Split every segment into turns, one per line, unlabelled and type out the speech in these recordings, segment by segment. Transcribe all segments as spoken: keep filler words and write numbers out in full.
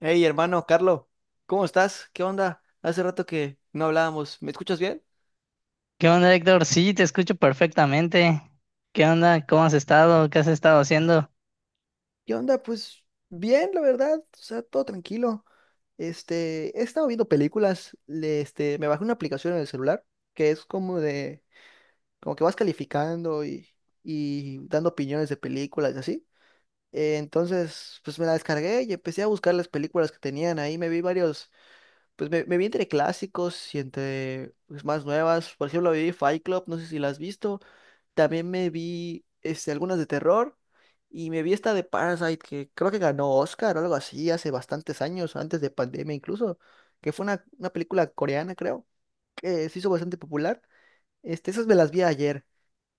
Hey, hermano, Carlos, ¿cómo estás? ¿Qué onda? Hace rato que no hablábamos. ¿Me escuchas bien?
¿Qué onda, Héctor? Sí, te escucho perfectamente. ¿Qué onda? ¿Cómo has estado? ¿Qué has estado haciendo?
¿Qué onda? Pues bien, la verdad, o sea, todo tranquilo. Este, he estado viendo películas, le- este, me bajé una aplicación en el celular que es como de, como que vas calificando y, y dando opiniones de películas y así. Eh, entonces, pues me la descargué y empecé a buscar las películas que tenían ahí, me vi varios, pues me, me vi entre clásicos y entre pues, más nuevas. Por ejemplo, vi Fight Club, no sé si la has visto. También me vi este, algunas de terror y me vi esta de Parasite que creo que ganó Oscar o algo así hace bastantes años, antes de pandemia incluso, que fue una, una película coreana, creo, que se hizo bastante popular. Este, esas me las vi ayer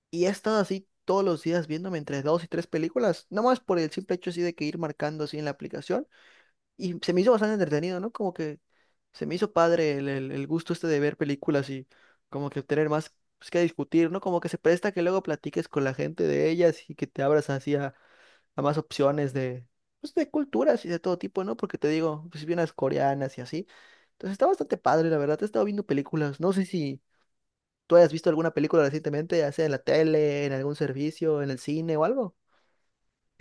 y he estado así todos los días viéndome entre dos y tres películas, nomás por el simple hecho así de que ir marcando así en la aplicación y se me hizo bastante entretenido, ¿no? Como que se me hizo padre el, el- el gusto este de ver películas y como que tener más pues, que discutir, ¿no? Como que se presta que luego platiques con la gente de ellas y que te abras así a, a más opciones de, pues, de culturas y de todo tipo, ¿no? Porque te digo, pues vi unas coreanas y así. Entonces está bastante padre, la verdad. He estado viendo películas. No sé si tú hayas visto alguna película recientemente, ya sea en la tele, en algún servicio, en el cine o algo.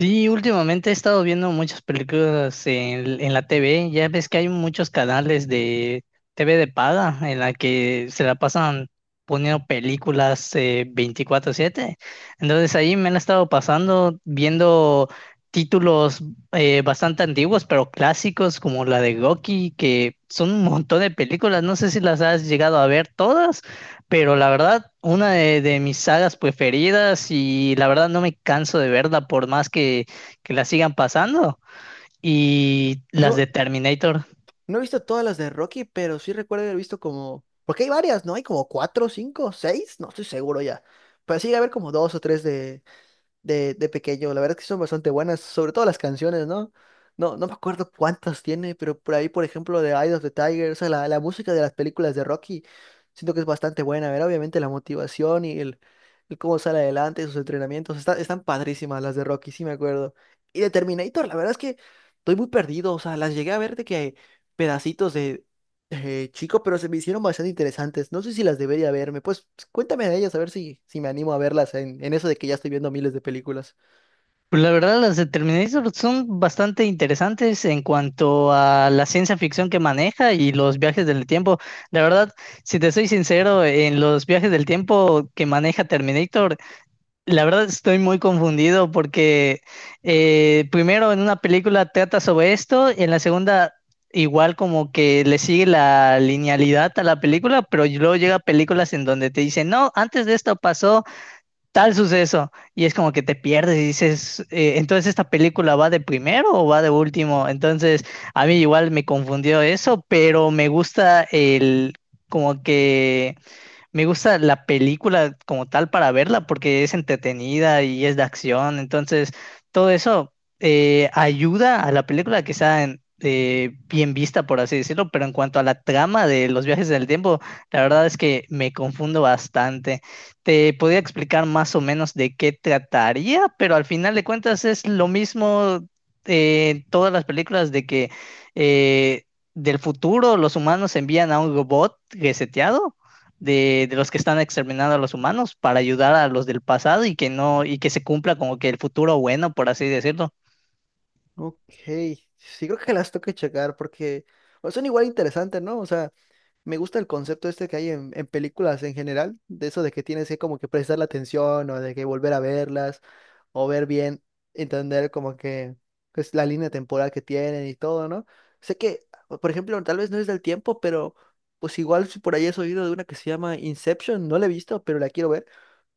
Sí, últimamente he estado viendo muchas películas en, en la T V. Ya ves que hay muchos canales de T V de paga en la que se la pasan poniendo películas eh, veinticuatro siete. Entonces ahí me la he estado pasando viendo títulos eh, bastante antiguos, pero clásicos como la de Goki, que son un montón de películas. No sé si las has llegado a ver todas. Pero la verdad, una de, de mis sagas preferidas y la verdad no me canso de verla por más que, que la sigan pasando. Y las
No,
de Terminator.
no he visto todas las de Rocky, pero sí recuerdo haber visto como... Porque hay varias, ¿no? Hay como cuatro, cinco, seis, no estoy seguro ya. Pero sí, a haber como dos o tres de de, de pequeño. La verdad es que son bastante buenas, sobre todo las canciones, ¿no? No, no me acuerdo cuántas tiene, pero por ahí, por ejemplo, de Eye of the Tiger, o sea, la, la música de las películas de Rocky, siento que es bastante buena. A ver, obviamente la motivación y el, el cómo sale adelante, sus entrenamientos, está- están padrísimas las de Rocky, sí me acuerdo. Y de Terminator, la verdad es que estoy muy perdido, o sea, las llegué a ver de que pedacitos eh, chico, pero se me hicieron bastante interesantes. No sé si las debería verme. Pues cuéntame de ellas, a ver si, si me animo a verlas en, en eso de que ya estoy viendo miles de películas.
Pues la verdad, las de Terminator son bastante interesantes en cuanto a la ciencia ficción que maneja y los viajes del tiempo. La verdad, si te soy sincero, en los viajes del tiempo que maneja Terminator, la verdad estoy muy confundido porque eh, primero en una película trata sobre esto, y en la segunda igual como que le sigue la linealidad a la película, pero y luego llega películas en donde te dicen, no, antes de esto pasó tal suceso, y es como que te pierdes y dices, "Eh, entonces esta película va de primero o va de último", entonces a mí igual me confundió eso, pero me gusta el como que me gusta la película como tal para verla porque es entretenida y es de acción. Entonces, todo eso eh, ayuda a la película que sea en- eh, bien vista, por así decirlo. Pero en cuanto a la trama de los viajes del tiempo, la verdad es que me confundo bastante. Te podría explicar más o menos de qué trataría, pero al final de cuentas es lo mismo eh, en todas las películas de que... eh, del futuro, los humanos envían a un robot reseteado de, de los que están exterminando a los humanos para ayudar a los del pasado y que no, y que se cumpla como que el futuro bueno, por así decirlo.
Ok, sí creo que las tengo que checar porque o sea, son igual interesantes, ¿no? O sea, me gusta el concepto este que hay en, en películas en general, de eso de que tienes que como que prestar la atención o de que volver a verlas o ver bien, entender como que pues, la línea temporal que tienen y todo, ¿no? Sé que, por ejemplo, tal vez no es del tiempo, pero pues igual si por ahí has oído de una que se llama Inception, no la he visto, pero la quiero ver,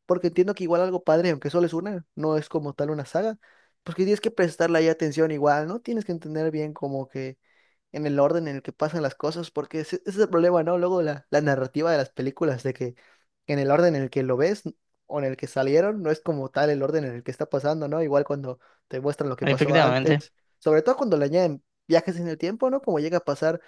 porque entiendo que igual algo padre, aunque solo es una, no es como tal una saga, porque tienes que prestarle ahí atención igual, ¿no? Tienes que entender bien como que en el orden en el que pasan las cosas, porque ese, ese es el problema, ¿no? Luego la, la narrativa de las películas, de que en el orden en el que lo ves o en el que salieron, no es como tal el orden en el que está pasando, ¿no? Igual cuando te muestran lo que pasó antes,
Efectivamente.
sobre todo cuando le añaden viajes en el tiempo, ¿no? Como llega a pasar,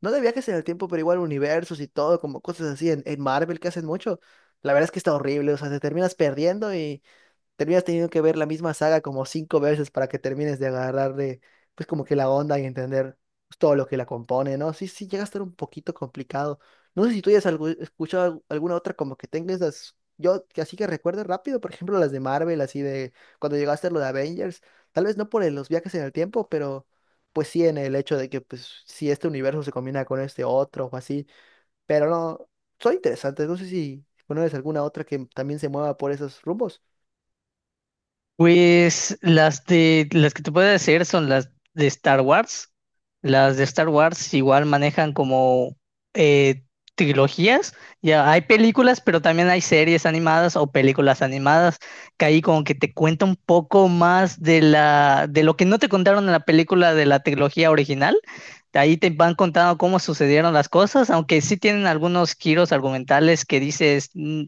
no de viajes en el tiempo, pero igual universos y todo, como cosas así en, en Marvel que hacen mucho. La verdad es que está horrible, o sea, te terminas perdiendo, terminas teniendo que ver la misma saga como cinco veces para que termines de agarrarle, pues como que la onda y entender pues, todo lo que la compone, ¿no? Sí, sí, llega a estar un poquito complicado. No sé si tú ya has algu- escuchado algu- alguna otra como que tengas las... Yo que así que recuerde rápido, por ejemplo, las de Marvel, así de cuando llegaste a lo de Avengers, tal vez no por el- los viajes en el tiempo, pero pues sí en el hecho de que pues si este universo se combina con este otro o así, pero no, son interesantes, no sé si conoces alguna otra que también se mueva por esos rumbos.
Pues las de las que te puedo decir son las de Star Wars. Las de Star Wars igual manejan como eh, trilogías. Ya hay películas, pero también hay series animadas o películas animadas que ahí como que te cuenta un poco más de la de lo que no te contaron en la película de la trilogía original. De ahí te van contando cómo sucedieron las cosas, aunque sí tienen algunos giros argumentales que dices, "Mm,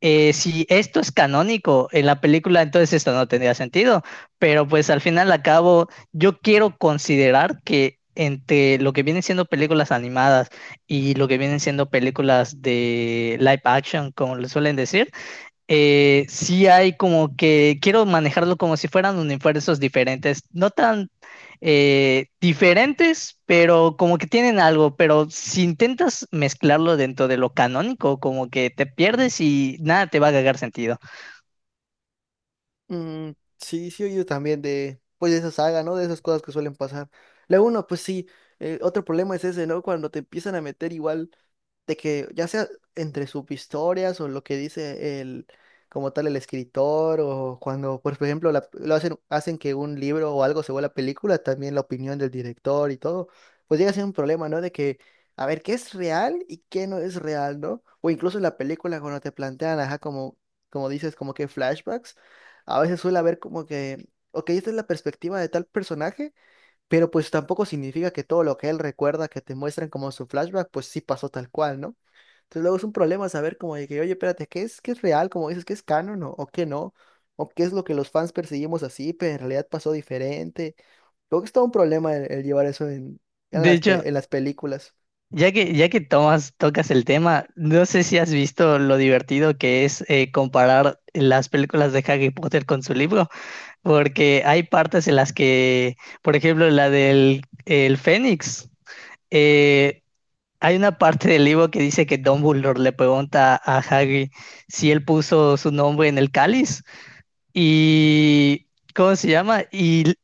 eh, si esto es canónico en la película, entonces esto no tendría sentido". Pero pues al final al cabo, yo quiero considerar que entre lo que vienen siendo películas animadas y lo que vienen siendo películas de live action, como le suelen decir, eh, sí hay como que quiero manejarlo como si fueran universos diferentes, no tan eh, diferentes, pero como que tienen algo, pero si intentas mezclarlo dentro de lo canónico, como que te pierdes y nada te va a cagar sentido.
Mm, sí, sí, yo también de, pues de esa saga, ¿no? De esas cosas que suelen pasar. La uno, pues sí, eh, otro problema es ese, ¿no? Cuando te empiezan a meter igual de que ya sea entre sus historias o lo que dice el, como tal el escritor o cuando, pues, por ejemplo, la- lo hacen, hacen que un libro o algo se vuelva película, también la opinión del director y todo, pues llega a ser un problema, ¿no? De que, a ver, ¿qué es real y qué no es real?, ¿no? O incluso en la película cuando te plantean, ajá, como, como dices, como que flashbacks, a veces suele haber como que... Ok, esta es la perspectiva de tal personaje, pero pues tampoco significa que todo lo que él recuerda que te muestran como su flashback, pues sí pasó tal cual, ¿no? Entonces luego es un problema saber como de que, oye, espérate, ¿qué es, ¿qué es real? Como dices, ¿qué es canon o, o qué no? ¿O qué es lo que los fans perseguimos así, pero en realidad pasó diferente? Creo que es todo un problema el, el llevar eso en, en
De
las,
hecho,
pe- en las películas.
ya que, ya que tomas, tocas el tema, no sé si has visto lo divertido que es eh, comparar las películas de Harry Potter con su libro, porque hay partes en las que, por ejemplo, la del el Fénix. Eh, Hay una parte del libro que dice que Dumbledore le pregunta a Hagrid si él puso su nombre en el cáliz y ¿cómo se llama? Y l-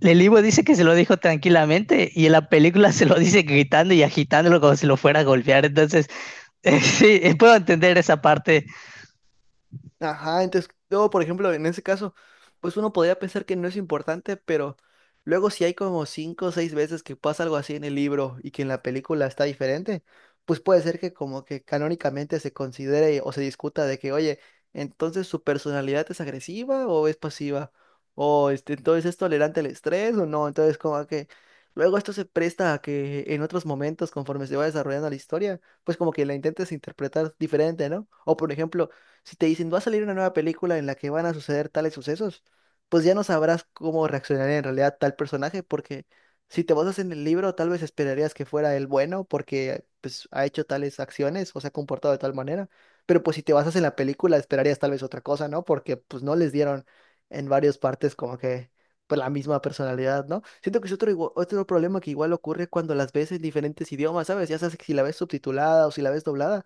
El libro dice que se lo dijo tranquilamente y en la película se lo dice gritando y agitándolo como si lo fuera a golpear. Entonces, sí, puedo entender esa parte.
Ajá, entonces, luego, por ejemplo, en ese caso, pues uno podría pensar que no es importante, pero luego si hay como cinco o seis veces que pasa algo así en el libro y que en la película está diferente, pues puede ser que como que canónicamente se considere o se discuta de que, oye, entonces su personalidad es agresiva o es pasiva, o este, entonces es tolerante al estrés o no, entonces como que luego esto se presta a que en otros momentos, conforme se va desarrollando la historia, pues como que la intentes interpretar diferente, ¿no? O por ejemplo, si te dicen, va a salir una nueva película en la que van a suceder tales sucesos, pues ya no sabrás cómo reaccionar en realidad tal personaje, porque si te basas en el libro, tal vez esperarías que fuera el bueno, porque pues ha hecho tales acciones o se ha comportado de tal manera. Pero pues si te basas en la película, esperarías tal vez otra cosa, ¿no? Porque pues no les dieron en varias partes como que pues la misma personalidad, ¿no? Siento que es otro, igua- otro problema que igual ocurre cuando las ves en diferentes idiomas, ¿sabes? Ya sabes que si la ves subtitulada o si la ves doblada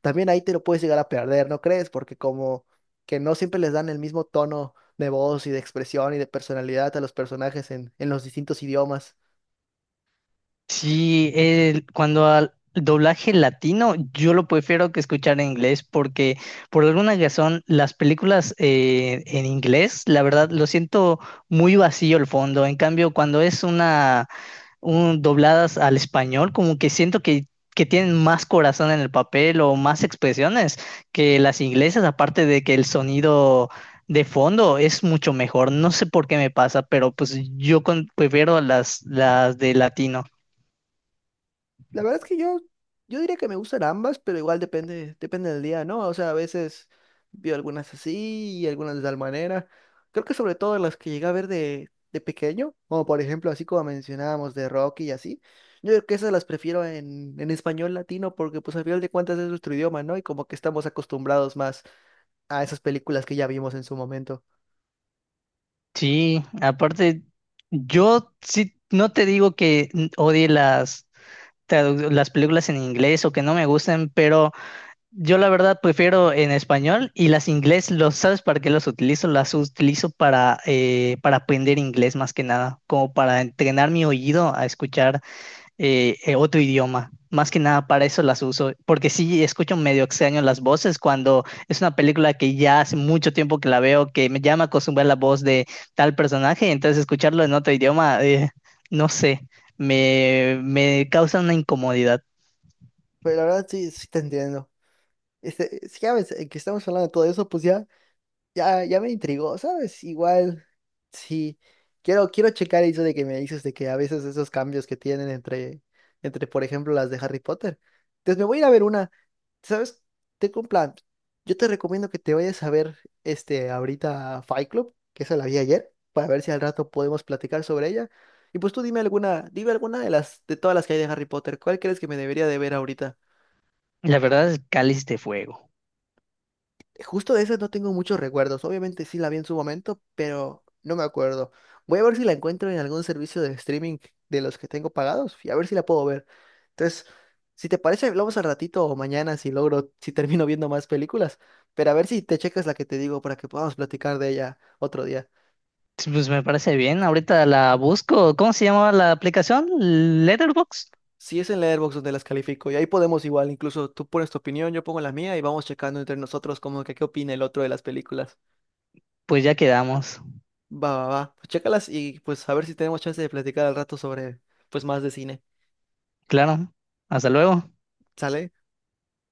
también ahí te lo puedes llegar a perder, ¿no crees? Porque como que no siempre les dan el mismo tono de voz y de expresión y de personalidad a los personajes en, en los distintos idiomas.
Sí, el- cuando al doblaje latino, yo lo prefiero que escuchar en inglés porque por alguna razón las películas eh, en inglés, la verdad, lo siento muy vacío el fondo. En cambio, cuando es una un dobladas al español, como que siento que que tienen más corazón en el papel o más expresiones que las inglesas, aparte de que el sonido de fondo es mucho mejor. No sé por qué me pasa, pero pues yo con- prefiero las las de latino.
La verdad es que yo, yo diría que me gustan ambas, pero igual depende, depende del día, ¿no? O sea, a veces veo algunas así y algunas de tal manera. Creo que sobre todo las que llegué a ver de, de pequeño, como por ejemplo así como mencionábamos de Rocky y así. Yo creo que esas las prefiero en, en español latino porque pues al final de cuentas es nuestro idioma, ¿no? Y como que estamos acostumbrados más a esas películas que ya vimos en su momento.
Sí, aparte, yo sí, no te digo que n- odie las, tradu- las películas en inglés o que no me gusten, pero yo la verdad prefiero en español y las inglés, los, ¿sabes para qué los utilizo? Las utilizo para, eh, para aprender inglés más que nada, como para entrenar mi oído a escuchar eh, eh, otro idioma. Más que nada para eso las uso, porque sí escucho medio extraño las voces cuando es una película que ya hace mucho tiempo que la veo, que me llama a acostumbrar la voz de tal personaje, entonces escucharlo en otro idioma, eh, no sé, me, me causa una incomodidad.
Pero la verdad sí, sí te entiendo. Este, si ya ves eh, que estamos hablando de todo eso, pues ya ya, ya me intrigó, ¿sabes? Igual, sí. Quiero, quiero checar eso de que me dices de que a veces esos cambios que tienen entre, entre, por ejemplo, las de Harry Potter. Entonces me voy a ir a ver una. ¿Sabes? Tengo un plan. Yo te recomiendo que te vayas a ver este ahorita a Fight Club, que esa la vi ayer, para ver si al rato podemos platicar sobre ella. Y pues tú dime alguna, dime alguna de las, de todas las que hay de Harry Potter. ¿Cuál crees que me debería de ver ahorita?
La verdad es Cáliz de Fuego.
Justo de esas no tengo muchos recuerdos. Obviamente sí la vi en su momento, pero no me acuerdo. Voy a ver si la encuentro en algún servicio de streaming de los que tengo pagados y a ver si la puedo ver. Entonces, si te parece, hablamos al ratito o mañana si logro, si termino viendo más películas. Pero a ver si te checas la que te digo para que podamos platicar de ella otro día.
Sí, pues me parece bien, ahorita la busco. ¿Cómo se llamaba la aplicación? Letterbox.
Si es en Letterboxd donde las califico y ahí podemos igual, incluso tú pones tu opinión, yo pongo la mía y vamos checando entre nosotros como que qué opina el otro de las películas.
Pues ya quedamos.
Va, va, va. Pues chécalas y pues a ver si tenemos chance de platicar al rato sobre pues más de cine.
Claro, hasta luego.
¿Sale?